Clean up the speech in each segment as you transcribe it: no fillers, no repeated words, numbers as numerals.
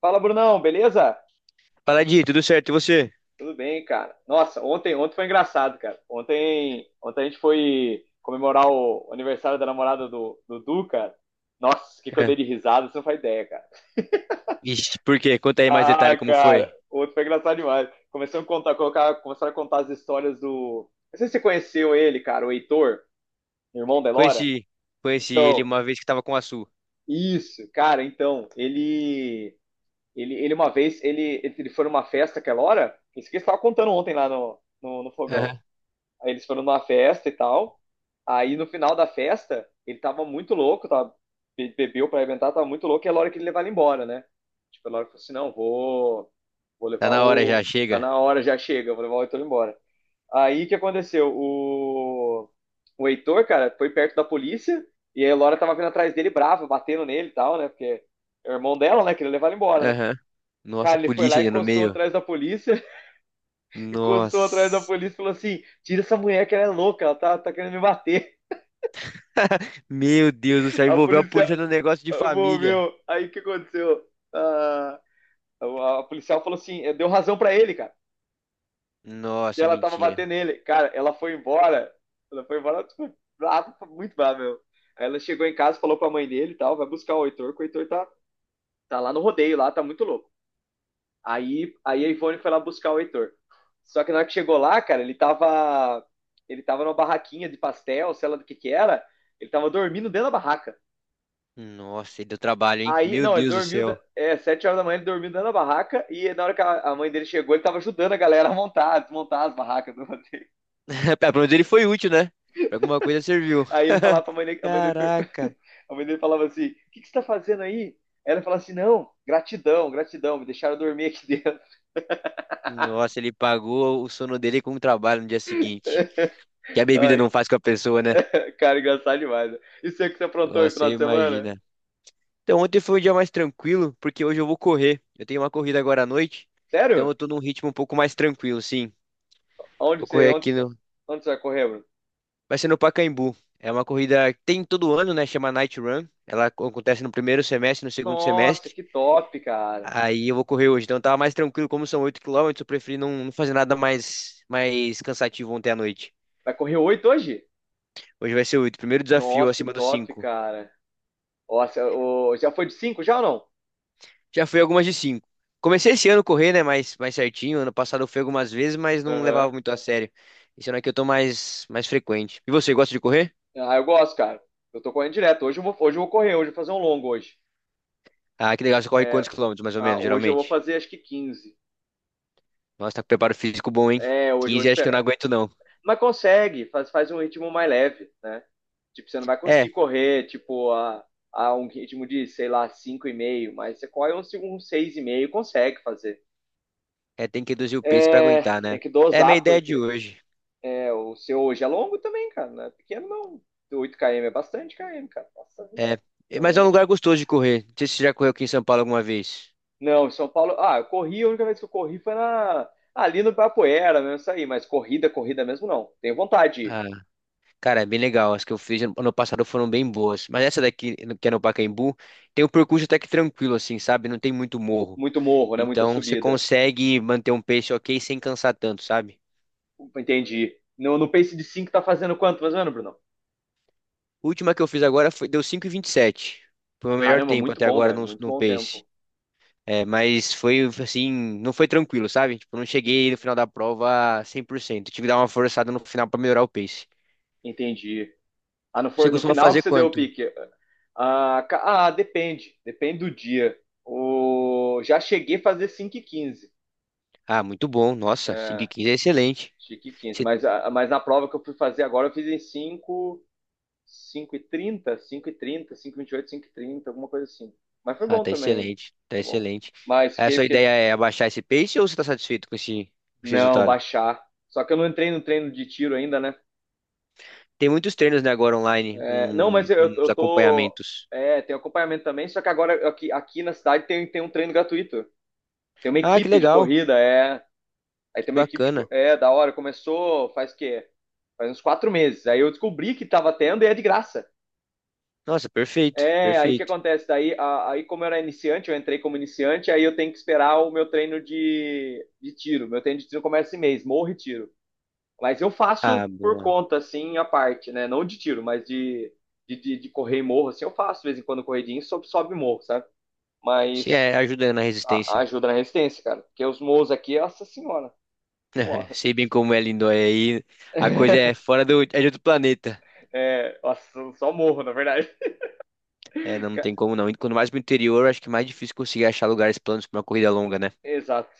Fala, Brunão, beleza? Fala, Di, tudo certo? E você? Tudo bem, cara. Nossa, ontem foi engraçado, cara. Ontem a gente foi comemorar o aniversário da namorada do Dudu, cara. Nossa, o que que eu É. dei de risada, você não faz ideia, cara. Ixi, por quê? Conta aí mais Ah, detalhe como cara, foi. ontem foi engraçado demais. Começaram a contar, colocar, começaram a contar as histórias do. Não sei se você conheceu ele, cara, o Heitor, irmão da Elora. Conheci, conheci ele Então, uma vez que tava com a Su. isso, cara, então, ele. Ele uma vez, ele foi numa festa aquela hora, isso que eles estavam contando ontem lá no fogão. Aham. Aí eles foram numa festa e tal. Aí no final da festa, ele tava muito louco, tava, bebeu pra inventar, tava muito louco, e era a hora que ele levar ele embora, né? Tipo, a hora que falou assim: não, vou, vou Tá levar na hora já, o. Tá chega. na hora, já chega, vou levar o Heitor embora. Aí o que aconteceu? O Heitor, cara, foi perto da polícia e a Elora tava vindo atrás dele brava, batendo nele e tal, né? Porque é o irmão dela, né? Queria levar ele embora, né? Aham. Nossa, Cara, ele foi polícia lá, ainda no encostou meio. atrás da polícia encostou atrás da Nossa. polícia e falou assim: tira essa mulher que ela é louca, ela tá, tá querendo me bater. Meu Deus do céu, A envolveu a polícia polícia no negócio de família. moveu. Aí o que aconteceu? Ah, a policial falou assim: deu razão pra ele, cara. E Nossa, ela tava mentira. batendo nele. Cara, ela foi embora. Ela foi embora, tipo, brava, muito brava, meu. Aí ela chegou em casa, falou pra mãe dele e tal, vai buscar o Heitor, que o Heitor tá, tá lá no rodeio, lá, tá muito louco. Aí a Ivone foi lá buscar o Heitor. Só que na hora que chegou lá, cara, ele tava. Ele tava numa barraquinha de pastel, sei lá do que era. Ele tava dormindo dentro da barraca. Nossa, ele deu trabalho, hein? Aí, Meu não, ele Deus do dormiu. céu. É, 7 horas da manhã ele dormiu dentro da barraca. E na hora que a mãe dele chegou, ele tava ajudando a galera a montar, a desmontar as barracas do rodeio. Pelo menos ele foi útil, né? Pra alguma coisa serviu. Aí ele falava pra mãe dele. A mãe dele, Caraca. a mãe dele falava assim: O que, que você tá fazendo aí? Ela falava assim: Não, gratidão, gratidão, me deixaram dormir aqui dentro. Nossa, ele pagou o sono dele com o trabalho no dia seguinte. Que a bebida Ai, não faz com a pessoa, né? cara, engraçado demais. Né? E você que você aprontou aí no Nossa, você final de semana? imagina. Então, ontem foi um dia mais tranquilo, porque hoje eu vou correr. Eu tenho uma corrida agora à noite, então Sério? eu tô num ritmo um pouco mais tranquilo, sim. Onde Vou que você, correr onde, aqui no. onde você vai correr, Bruno? Vai ser no Pacaembu. É uma corrida que tem todo ano, né? Chama Night Run. Ela acontece no primeiro semestre, no segundo Nossa, semestre. que top, cara. Aí eu vou correr hoje. Então eu tava mais tranquilo, como são 8 quilômetros, eu preferi não, não fazer nada mais cansativo ontem à noite. Vai correr 8 hoje? Hoje vai ser 8. Primeiro desafio Nossa, que acima dos top, 5. cara. Nossa, ô, já foi de cinco já ou não? Já fui algumas de cinco. Comecei esse ano a correr, né, mais certinho. Ano passado eu fui algumas vezes, mas não Aham. levava muito a sério. Esse ano aqui eu tô mais frequente. E você, gosta de correr? Ah, eu gosto, cara. Eu tô correndo direto. Hoje eu vou correr, hoje eu vou fazer um longo hoje. Ah, que legal. Você corre É, quantos quilômetros, mais ou menos, hoje eu vou geralmente? fazer acho que 15. Nossa, tá com preparo físico bom, hein? É, hoje eu vou 15 acho que eu não esperar. aguento, não. Mas consegue, faz, faz um ritmo mais leve, né? Tipo, você não vai É, conseguir correr, tipo, a um ritmo de, sei lá, cinco e meio, mas você corre um, um seis e meio consegue fazer. Tem que reduzir o peso pra É, aguentar, né? tem que É a minha dosar, ideia de porque hoje. é, o seu hoje é longo também, cara. Não é pequeno, não. 8 km é bastante km, cara. Nossa, é É, mas é um longe. lugar gostoso de correr. Não sei se você já correu aqui em São Paulo alguma vez. Não, em São Paulo. Ah, eu corri, a única vez que eu corri foi na, ali no Ibirapuera, mesmo isso aí. Mas corrida, corrida mesmo, não. Tenho vontade de ir. Ah, cara, é bem legal. As que eu fiz ano passado foram bem boas. Mas essa daqui, que é no Pacaembu, tem um percurso até que tranquilo, assim, sabe? Não tem muito morro. Muito morro, né? Muita Então você subida. consegue manter um pace ok sem cansar tanto, sabe? Entendi. No pace de 5 tá fazendo quanto, mais ou menos, Bruno? A última que eu fiz agora foi, deu 5,27. Foi o meu melhor Caramba, tempo muito até bom, agora velho. no, Muito no bom pace. tempo. É, mas foi assim, não foi tranquilo, sabe? Tipo, eu não cheguei no final da prova 100%. Tive que dar uma forçada no final pra melhorar o pace. Entendi. Ah, não Você foi no costuma final que fazer você deu o quanto? pique. Depende. Depende do dia. Já cheguei a fazer 5:15, Ah, muito bom. Nossa, é, 5,15 é excelente. 5 e quinze. Mas, mas na prova que eu fui fazer agora, eu fiz em 5, 5:30, 5:30, 5:28, 5:30, alguma coisa assim. Mas foi Ah, bom tá também. excelente, tá Tá bom. excelente. Mas A fiquei, sua ideia fiquei. é abaixar esse pace ou você tá satisfeito com esse, com, esse Não, resultado? baixar. Só que eu não entrei no treino de tiro ainda, né? Tem muitos treinos, né, agora online, É, não, mas uns eu tô. acompanhamentos. É, tem acompanhamento também, só que agora aqui, aqui na cidade tem, tem um treino gratuito. Tem uma Ah, que equipe de legal, corrida, é. Aí que tem uma equipe de. Bacana. É, da hora. Começou faz o quê? Faz uns 4 meses. Aí eu descobri que tava tendo e é de graça. Nossa, perfeito, É, aí que perfeito. acontece? Aí como eu era iniciante, eu entrei como iniciante, aí eu tenho que esperar o meu treino de tiro. Meu treino de tiro começa esse mês, morro e tiro. Mas eu faço Ah, por boa. conta, assim, a parte, né? Não de tiro, mas de correr e morro, assim, eu faço de vez em quando corridinho, sobe, sobe e morro, sabe? Se Mas é ajuda na resistência. ajuda na resistência, cara. Porque os morros aqui, nossa senhora. Pô, Sei bem como é lindo aí. A coisa é fora do, é de outro planeta. é, nossa, só morro, na verdade. É, não, não Ca- tem como não. E quando mais pro interior, acho que é mais difícil conseguir achar lugares planos pra uma corrida longa, né? Exato.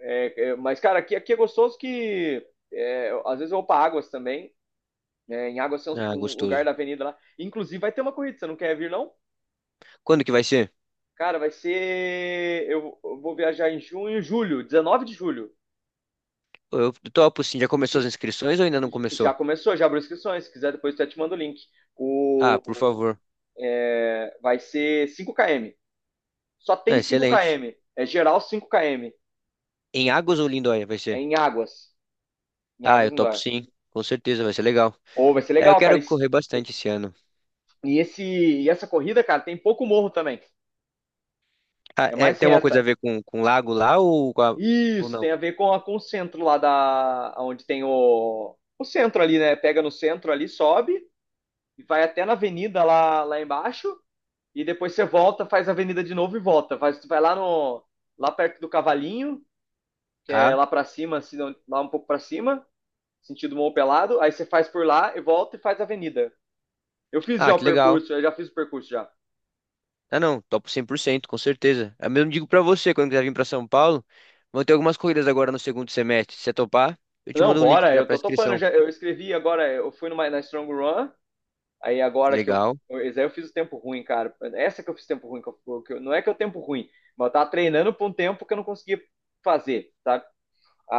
Mas, cara, aqui, aqui é gostoso que é, às vezes eu vou pra Águas também. Né? Em Águas tem um, Ah, um lugar gostoso. da avenida lá. Inclusive, vai ter uma corrida, você não quer vir, não? Quando que vai ser? Cara, vai ser. Eu vou viajar em junho, julho, 19 de julho. Pô, eu topo sim, já começou as inscrições ou ainda não E já começou? começou, já abriu inscrições. Se quiser, depois eu te mando o link. Ah, por O, favor. é, vai ser 5 km. Só tem Ah, 5 excelente. km. É geral 5 km. Em Águas ou Lindóia vai É ser? em Águas. Em Ah, Águas eu topo Indoor. sim. Com certeza vai ser legal. Ou vai ser É, eu legal, cara. quero correr bastante esse ano. e esse, e essa corrida, cara, tem pouco morro também. Ah, É é, mais tem alguma coisa a reta. ver com, lago lá ou, com a- ou Isso, não? tem a ver com, a, com o centro lá da... Onde tem o... O centro ali, né? Pega no centro ali, sobe. E vai até na avenida lá, lá embaixo. E depois você volta, faz a avenida de novo e volta. Faz, vai lá no... Lá perto do Cavalinho, que é Ah, lá pra cima, assim, lá um pouco pra cima. Sentido Morro Pelado. Aí você faz por lá e volta e faz a avenida. Eu fiz já ah, o que legal. percurso, eu já fiz o percurso já. Ah, não, topo 100%, com certeza. Eu mesmo digo pra você, quando quiser vir pra São Paulo, vão ter algumas corridas agora no segundo semestre. Se você topar, eu te Não, mando um link bora, pra, eu pra tô topando inscrição. já. Eu escrevi agora, eu fui numa, na Strong Run, aí agora que eu. Legal, Esse aí eu fiz o tempo ruim, cara. Essa que eu fiz tempo ruim, não é que eu tempo ruim, mas eu tava treinando por um tempo que eu não conseguia fazer, sabe?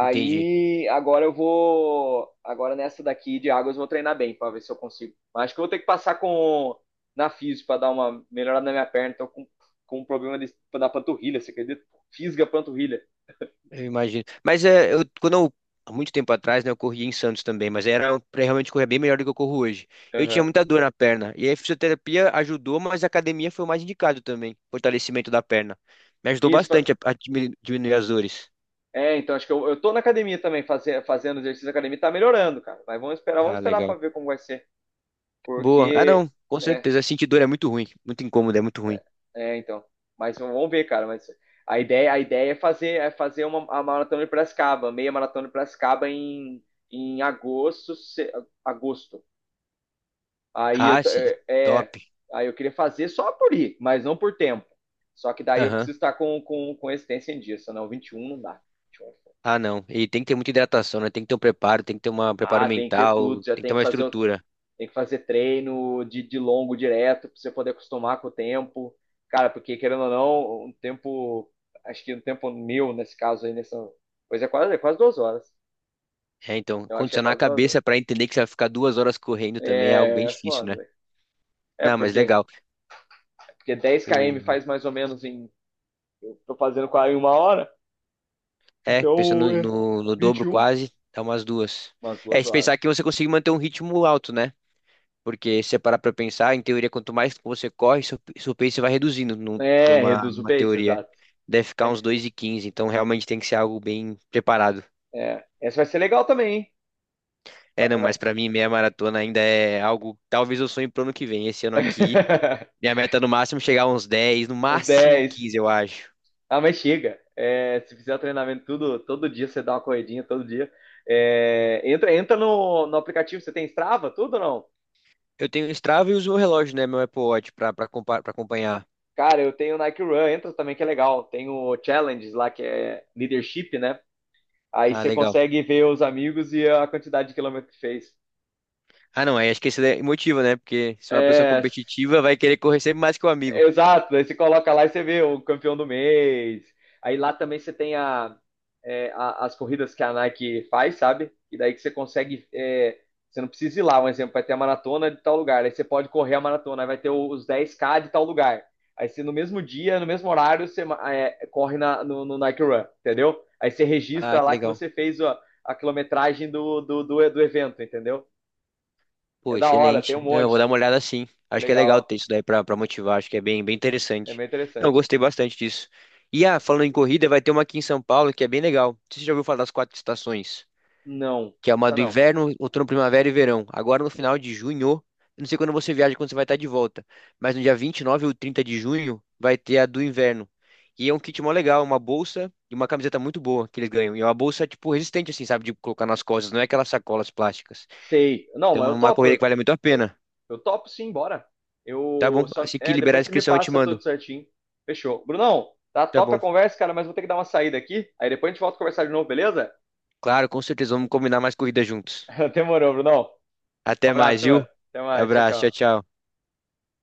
entendi. agora eu vou. Agora nessa daqui de águas eu vou treinar bem pra ver se eu consigo. Mas acho que eu vou ter que passar com na física pra dar uma melhorada na minha perna. Tô com um problema de, da panturrilha, você acredita? Fisga a panturrilha. Eu imagino. Mas é, eu, quando eu, há muito tempo atrás, né, eu corria em Santos também, mas era pra realmente correr bem melhor do que eu corro hoje. Eu tinha Aham. muita dor na perna, e aí a fisioterapia ajudou, mas a academia foi o mais indicado também, fortalecimento da perna. Me ajudou Isso, bastante a, diminuir as dores. é, então acho que eu tô na academia também, fazendo exercício na academia, tá melhorando, cara. Mas vamos Ah, esperar legal. pra ver como vai ser. Boa. Ah, Porque, não, com é, certeza. Sentir dor é muito ruim, muito incômodo, é muito ruim. Então. Mas vamos ver, cara. Mas a ideia é fazer uma, a maratona de Piracicaba, meia maratona de Piracicaba em agosto, agosto. Aí eu, Ah, t- sim, é, top. é, aí eu queria fazer só por ir, mas não por tempo. Só que daí eu Aham. preciso estar com a existência em dia, senão 21 não dá. 21 é foda. Ah, não. E tem que ter muita hidratação, né? Tem que ter um preparo, tem que ter um preparo Ah, tem que ter mental, tudo, já tem que ter tem que uma fazer. estrutura. Tem que fazer treino de longo direto para você poder acostumar com o tempo. Cara, porque querendo ou não, um tempo, acho que um tempo meu nesse caso aí, nessa, pois é quase 2 horas. É, então, Eu acho que é condicionar a quase 2 horas. cabeça para entender que você vai ficar 2 horas correndo também é algo bem É, difícil, foda, né? velho. É Não, mas porque, legal. porque 10 km O... faz mais ou menos em, tô fazendo quase uma hora, É, então pensando é no, no vinte e dobro um quase, dá umas duas. umas É, duas se horas. pensar que você consegue manter um ritmo alto, né? Porque se você parar para pensar, em teoria, quanto mais você corre, seu, seu pace vai reduzindo num- É, numa, reduz o numa pace, teoria. exato. Deve ficar uns É, 2:15. Então realmente tem que ser algo bem preparado. é. Essa vai ser legal também, hein? É, Vai, não, vai. mas para mim meia maratona ainda é algo, talvez eu sonhe pro ano que vem. Esse ano aqui minha meta é no máximo é chegar a uns 10, no Os máximo dez. 15 eu acho. Ah, mas chega. É, se fizer o treinamento tudo, todo dia, você dá uma corridinha todo dia. É, entra no aplicativo, você tem Strava, tudo ou não? Eu tenho o Strava e uso o relógio, né? Meu Apple Watch pra, pra, pra acompanhar. Cara, eu tenho Nike Run, entra também que é legal. Tem o Challenges lá, que é leadership, né? Aí Ah, você legal. consegue ver os amigos e a quantidade de quilômetro que fez. Ah, não, aí acho que esse é motivo, né? Porque se é uma pessoa É, competitiva, vai querer correr sempre mais que o amigo. exato, aí você coloca lá e você vê o campeão do mês. Aí lá também você tem a, as corridas que a Nike faz, sabe? E daí que você consegue. É, você não precisa ir lá, um exemplo, vai ter a maratona de tal lugar. Aí você pode correr a maratona, aí vai ter os 10k de tal lugar. Aí você no mesmo dia, no mesmo horário, você corre no Nike Run, entendeu? Aí você Ah, registra que lá que legal. você fez a quilometragem do evento, entendeu? Pô, É da hora, tem um excelente. Não, eu vou monte. dar uma olhada sim. É Acho que é legal legal, ter isso daí pra, motivar. Acho que é bem, bem é interessante. bem Não, eu interessante. gostei bastante disso. E ah, falando em corrida, vai ter uma aqui em São Paulo que é bem legal. Você já ouviu falar das quatro estações? Não, Que é uma essa do não. inverno, outono, primavera e verão. Agora no final de junho, eu não sei quando você viaja, quando você vai estar de volta, mas no dia 29 ou 30 de junho vai ter a do inverno. E é um kit mó legal, uma bolsa e uma camiseta muito boa que eles ganham. E é uma bolsa, tipo, resistente, assim, sabe? De colocar nas costas, não é aquelas sacolas plásticas. Sei. Não, mas Então é eu uma topo. corrida que vale muito a pena. Eu topo sim, bora. Tá Eu bom? só. Assim que É, liberar a depois você me inscrição, eu te passa mando. tudo certinho. Fechou. Brunão, tá Tá top a bom. conversa, cara, mas vou ter que dar uma saída aqui. Aí depois a gente volta a conversar de novo, beleza? Claro, com certeza, vamos combinar mais corridas juntos. Demorou, Brunão. Um Até mais, abraço, mano. viu? Até mais. Tchau, Abraço, tchau, tchau. tchau.